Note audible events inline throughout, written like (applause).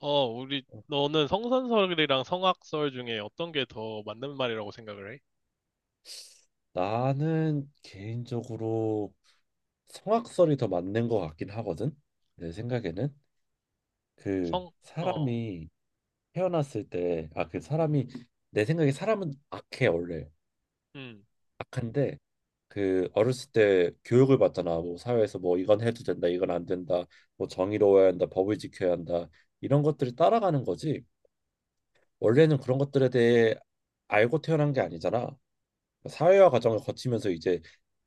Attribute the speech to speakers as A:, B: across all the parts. A: 너는 성선설이랑 성악설 중에 어떤 게 더 맞는 말이라고 생각을 해?
B: 나는 개인적으로 성악설이 더 맞는 것 같긴 하거든. 내 생각에는 그
A: 성, 어,
B: 사람이 태어났을 때, 아, 그 사람이, 내 생각에 사람은 악해 원래.
A: 음,
B: 악한데 그 어렸을 때 교육을 받잖아. 뭐 사회에서, 뭐 이건 해도 된다, 이건 안 된다, 뭐 정의로워야 한다, 법을 지켜야 한다, 이런 것들을 따라가는 거지. 원래는 그런 것들에 대해 알고 태어난 게 아니잖아. 사회화 과정을 거치면서 이제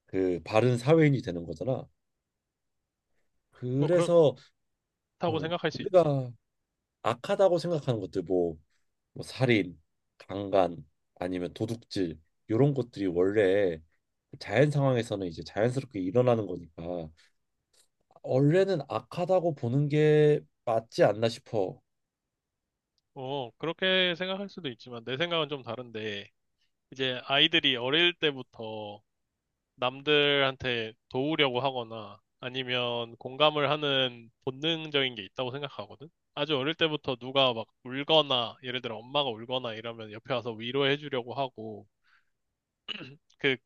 B: 그 바른 사회인이 되는 거잖아.
A: 뭐 그렇다고
B: 그래서 어,
A: 생각할 수 있지.
B: 우리가 악하다고 생각하는 것들, 뭐, 뭐 살인, 강간, 아니면 도둑질, 이런 것들이 원래 자연 상황에서는 이제 자연스럽게 일어나는 거니까 원래는 악하다고 보는 게 맞지 않나 싶어.
A: 그렇게 생각할 수도 있지만 내 생각은 좀 다른데, 이제 아이들이 어릴 때부터 남들한테 도우려고 하거나 아니면 공감을 하는 본능적인 게 있다고 생각하거든? 아주 어릴 때부터 누가 막 울거나, 예를 들어 엄마가 울거나 이러면 옆에 와서 위로해 주려고 하고, 그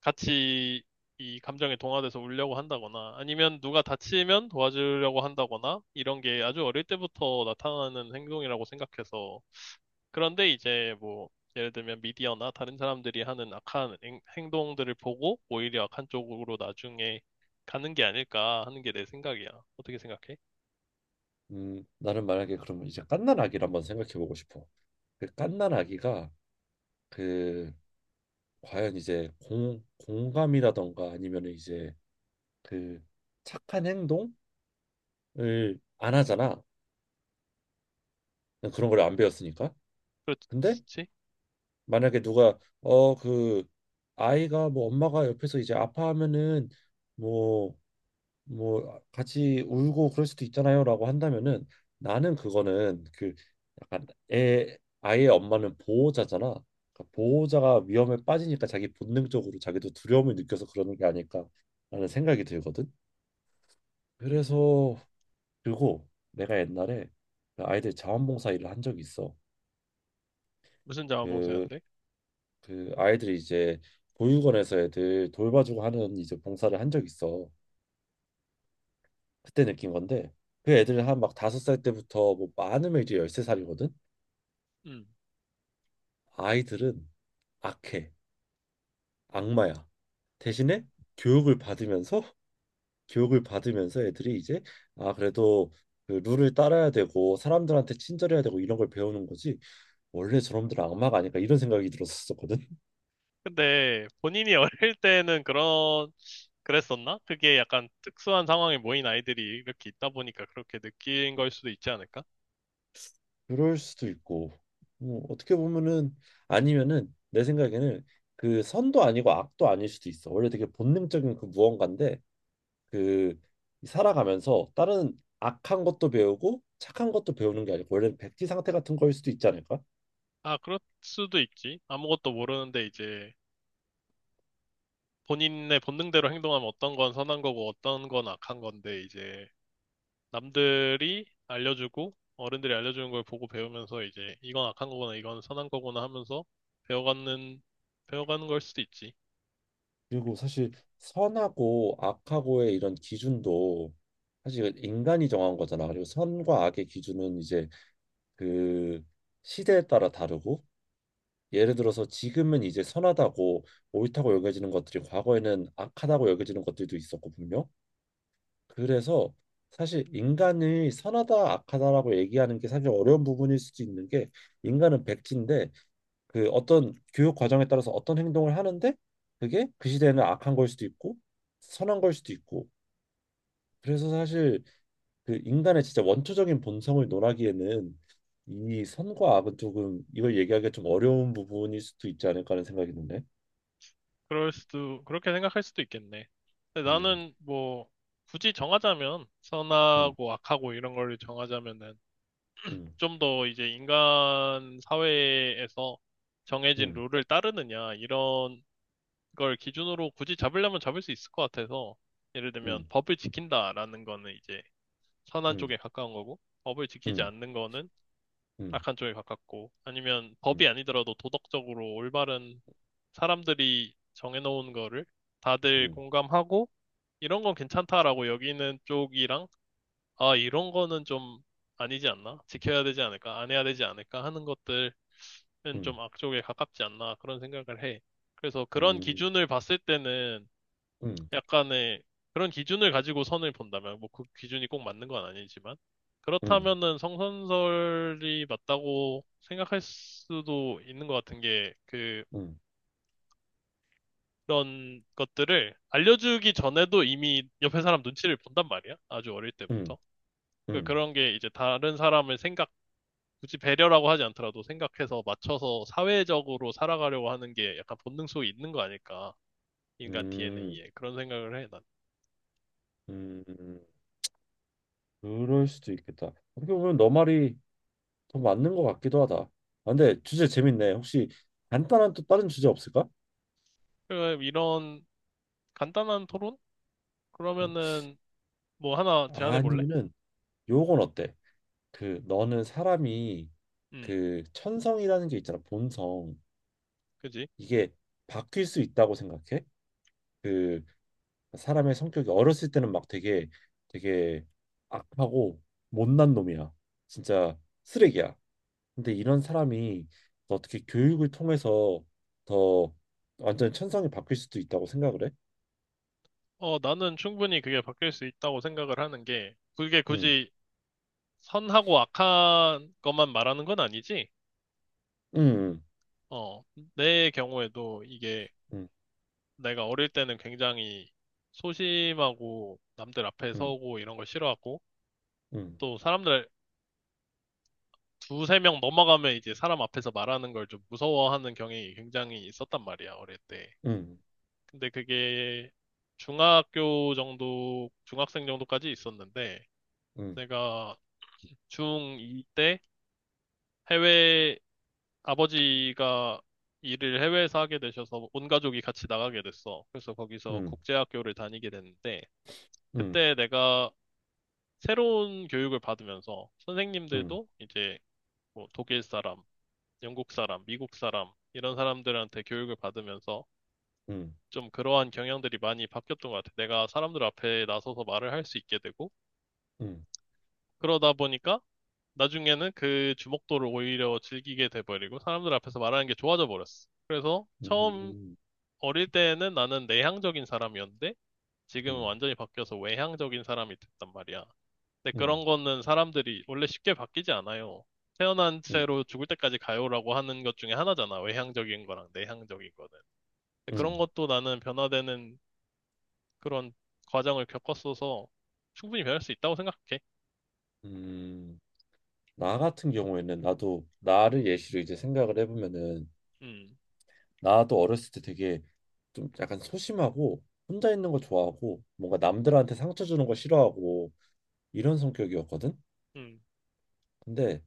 A: 같이 이 감정에 동화돼서 울려고 한다거나 아니면 누가 다치면 도와주려고 한다거나 이런 게 아주 어릴 때부터 나타나는 행동이라고 생각해서 그런데 이제 뭐 예를 들면 미디어나 다른 사람들이 하는 악한 행동들을 보고 오히려 악한 쪽으로 나중에 가는 게 아닐까 하는 게 내 생각이야. 어떻게 생각해?
B: 나는 만약에 그러면 이제 갓난 아기를 한번 생각해 보고 싶어. 그 갓난 아기가 그 과연 이제 공 공감이라던가 아니면 이제 그 착한 행동을 안 하잖아. 그런 걸 안 배웠으니까. 근데
A: 그렇지?
B: 만약에 누가 그 아이가, 뭐 엄마가 옆에서 이제 아파하면은, 뭐, 뭐 같이 울고 그럴 수도 있잖아요라고 한다면은, 나는 그거는 그 약간 애 아이의 엄마는 보호자잖아. 그러니까 보호자가 위험에 빠지니까 자기 본능적으로 자기도 두려움을 느껴서 그러는 게 아닐까라는 생각이 들거든.
A: 음,
B: 그래서 그리고 내가 옛날에 그 아이들 자원봉사 일을 한 적이 있어.
A: 무슨
B: 그
A: 자원봉사인데?
B: 그 아이들이 이제 보육원에서 애들 돌봐주고 하는 이제 봉사를 한 적 있어. 그때 느낀 건데, 그 애들 한 막 5살 때부터 뭐 많으면 이제 열세 살이거든. 아이들은 악해, 악마야. 대신에 교육을 받으면서 (laughs) 교육을 받으면서 애들이 이제, 아, 그래도 그 룰을 따라야 되고 사람들한테 친절해야 되고 이런 걸 배우는 거지. 원래 저놈들은 악마가 아닐까, 이런 생각이 들었었거든.
A: 근데 본인이 (laughs) 어릴 때는 그런, 그랬었나? 그게 약간 특수한 상황에 모인 아이들이 이렇게 있다 보니까 그렇게 느낀 걸 수도 있지 않을까?
B: 그럴 수도 있고, 뭐, 어떻게 보면은, 아니면은, 내 생각에는 그 선도 아니고 악도 아닐 수도 있어. 원래 되게 본능적인 그 무언가인데, 그 살아가면서 다른 악한 것도 배우고 착한 것도 배우는 게 아니고 원래는 백지 상태 같은 거일 수도 있지 않을까.
A: 아, 그럴 수도 있지. 아무것도 모르는데 이제 본인의 본능대로 행동하면 어떤 건 선한 거고 어떤 건 악한 건데 이제 남들이 알려주고 어른들이 알려주는 걸 보고 배우면서 이제 이건 악한 거구나 이건 선한 거구나 하면서 배워가는, 배워가는 걸 수도 있지.
B: 그리고 사실 선하고 악하고의 이런 기준도 사실 인간이 정한 거잖아. 그리고 선과 악의 기준은 이제 그 시대에 따라 다르고, 예를 들어서 지금은 이제 선하다고 옳다고 여겨지는 것들이 과거에는 악하다고 여겨지는 것들도 있었고, 분명. 그래서 사실 인간이 선하다 악하다라고 얘기하는 게 사실 어려운 부분일 수도 있는 게, 인간은 백지인데 그 어떤 교육 과정에 따라서 어떤 행동을 하는데 그게 그 시대에는 악한 걸 수도 있고 선한 걸 수도 있고. 그래서 사실 그 인간의 진짜 원초적인 본성을 논하기에는 이 선과 악은 조금, 이걸 얘기하기가 좀 어려운 부분일 수도 있지 않을까 하는 생각이 드네.
A: 그럴 수도, 그렇게 생각할 수도 있겠네. 근데
B: 음,
A: 나는 뭐, 굳이 정하자면,
B: 음,
A: 선하고 악하고 이런 걸 정하자면은,
B: 음,
A: 좀 더 이제 인간 사회에서 정해진
B: 음,
A: 룰을 따르느냐, 이런 걸 기준으로 굳이 잡으려면 잡을 수 있을 것 같아서, 예를 들면,
B: 음,
A: 법을 지킨다라는 거는 이제 선한
B: 음,
A: 쪽에 가까운 거고, 법을 지키지
B: 음,
A: 않는 거는
B: 음,
A: 악한 쪽에 가깝고, 아니면
B: 음,
A: 법이 아니더라도 도덕적으로 올바른 사람들이 정해놓은 거를 다들
B: 음,
A: 공감하고 이런 건 괜찮다라고 여기는 쪽이랑 아, 이런 거는 좀 아니지 않나? 지켜야 되지 않을까? 안 해야 되지 않을까? 하는 것들은 좀 악쪽에 가깝지 않나? 그런 생각을 해. 그래서 그런
B: 음,
A: 기준을 봤을 때는
B: 음, 음,
A: 약간의 그런 기준을 가지고 선을 본다면 뭐 그 기준이 꼭 맞는 건 아니지만
B: 음,
A: 그렇다면은 성선설이 맞다고 생각할 수도 있는 것 같은 게그
B: 음,
A: 그런 것들을 알려주기 전에도 이미 옆에 사람 눈치를 본단 말이야. 아주 어릴 때부터. 그-
B: 음,
A: 그런 게 이제 다른 사람을 생각, 굳이 배려라고 하지 않더라도 생각해서 맞춰서 사회적으로 살아가려고 하는 게 약간 본능 속에 있는 거 아닐까.
B: 음,
A: 인간
B: 음,
A: DNA에. 그런 생각을 해, 난.
B: 음. 그럴 수도 있겠다. 어떻게 보면 너 말이 더 맞는 것 같기도 하다. 아, 근데 주제 재밌네. 혹시 간단한 또 다른 주제 없을까?
A: 그 이런 간단한 토론?
B: 음.
A: 그러면은 뭐 하나 제안해 볼래?
B: 아니면은, 요건 어때? 그 너는 사람이,
A: 음,
B: 그 천성이라는 게 있잖아, 본성.
A: 그지?
B: 이게 바뀔 수 있다고 생각해? 그 사람의 성격이 어렸을 때는 막 되게 되게 악하고 못난 놈이야. 진짜 쓰레기야. 근데 이런 사람이 어떻게 교육을 통해서 더 완전 천성이 바뀔 수도 있다고 생각을 해?
A: 어, 나는 충분히 그게 바뀔 수 있다고 생각을 하는 게, 그게
B: 응,
A: 굳이 선하고 악한 것만 말하는 건 아니지?
B: 응,
A: 어, 내 경우에도 이게
B: 응,
A: 내가 어릴 때는 굉장히 소심하고 남들 앞에
B: 응,
A: 서고 이런 걸 싫어하고
B: 응,
A: 또 사람들 두세 명 넘어가면 이제 사람 앞에서 말하는 걸 좀 무서워하는 경향이 굉장히 있었단 말이야, 어릴 때.
B: 응,
A: 근데 그게 중학교 정도, 중학생 정도까지 있었는데
B: 응,
A: 내가 중2 때 아버지가 일을 해외에서 하게 되셔서 온 가족이 같이 나가게 됐어. 그래서 거기서
B: 응,
A: 국제학교를 다니게 됐는데,
B: 응, 응,
A: 그때 내가 새로운 교육을 받으면서
B: 응,
A: 선생님들도 이제 뭐 독일 사람, 영국 사람, 미국 사람, 이런 사람들한테 교육을 받으면서
B: 응,
A: 좀 그러한 경향들이 많이 바뀌었던 것 같아. 내가 사람들 앞에 나서서 말을 할 수 있게 되고,
B: 응,
A: 그러다 보니까 나중에는 그 주목도를 오히려 즐기게 돼버리고, 사람들 앞에서 말하는 게 좋아져 버렸어. 그래서
B: 응,
A: 처음
B: 응,
A: 어릴 때는 나는 내향적인 사람이었는데 지금은 완전히 바뀌어서 외향적인 사람이 됐단 말이야. 근데
B: 응,
A: 그런 거는 사람들이 원래 쉽게 바뀌지 않아요. 태어난
B: 응.
A: 채로 죽을 때까지 가요라고 하는 것 중에 하나잖아. 외향적인 거랑 내향적인 거는. 근데 그런
B: 응.
A: 것도 나는 변화되는 그런 과정을 겪었어서 충분히 변할 수 있다고 생각해.
B: 음, 나 같은 경우에는 나도 나를 예시로 이제 생각을 해보면은,
A: 음,
B: 나도 어렸을 때 되게 좀 약간 소심하고 혼자 있는 거 좋아하고 뭔가 남들한테 상처 주는 거 싫어하고 이런 성격이었거든.
A: 음,
B: 근데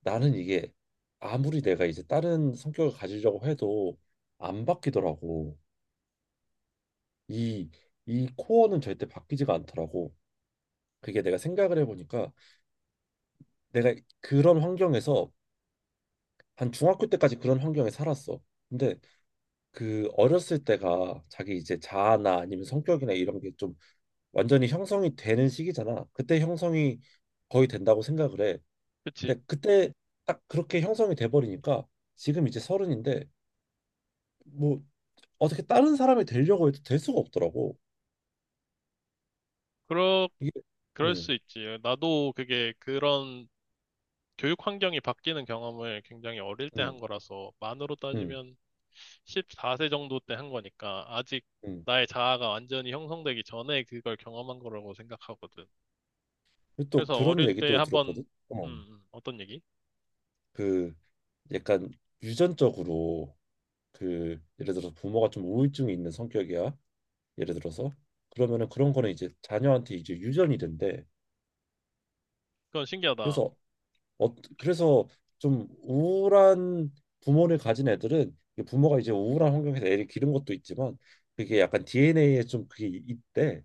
B: 나는 이게 아무리 내가 이제 다른 성격을 가지려고 해도 안 바뀌더라고. 이 이 코어는 절대 바뀌지가 않더라고. 그게 내가 생각을 해보니까, 내가 그런 환경에서, 한 중학교 때까지 그런 환경에 살았어. 근데 그 어렸을 때가 자기, 이제 자아나 아니면 성격이나 이런 게좀 완전히 형성이 되는 시기잖아. 그때 형성이 거의 된다고 생각을 해.
A: 그치.
B: 근데 그때 딱 그렇게 형성이 돼버리니까 지금 이제 서른인데, 뭐, 어떻게 다른 사람이 되려고 해도 될 수가 없더라고.
A: 그러,
B: 이게,
A: 그럴
B: 음,
A: 수 있지. 나도 그게 그런 교육 환경이 바뀌는 경험을 굉장히 어릴 때
B: 음,
A: 한 거라서 만으로
B: 음,
A: 따지면 14세 정도 때 한 거니까 아직
B: 음.
A: 나의 자아가 완전히 형성되기 전에 그걸 경험한 거라고 생각하거든.
B: 그리고 또
A: 그래서
B: 그런
A: 어릴 때
B: 얘기도 들었거든.
A: 한번
B: 어,
A: 어떤 얘기?
B: 그 약간 유전적으로, 그 예를 들어서 부모가 좀 우울증이 있는 성격이야, 예를 들어서. 그러면은 그런 거는 이제 자녀한테 이제 유전이 된대.
A: 그건 신기하다.
B: 그래서 그래서 좀 우울한 부모를 가진 애들은, 이 부모가 이제 우울한 환경에서 애를 기른 것도 있지만, 그게 약간 DNA에 좀, 그게 있대.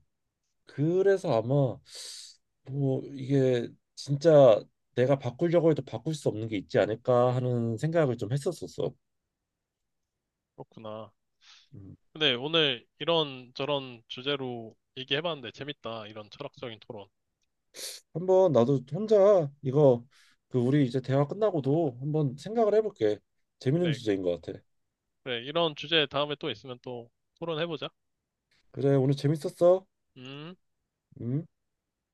B: 그래서 아마 뭐 이게, 진짜 내가 바꾸려고 해도 바꿀 수 없는 게 있지 않을까 하는 생각을 좀 했었었어.
A: 그렇구나.
B: 음.
A: 근데 오늘 이런 저런 주제로 얘기해봤는데 재밌다. 이런 철학적인 토론.
B: 한번 나도 혼자 이거, 그 우리 이제 대화 끝나고도 한번 생각을 해볼게. 재밌는
A: 그래,
B: 주제인 것 같아.
A: 그래. 이런 주제 다음에 또 있으면 또 토론해보자.
B: 그래, 오늘 재밌었어.
A: 음.
B: 음.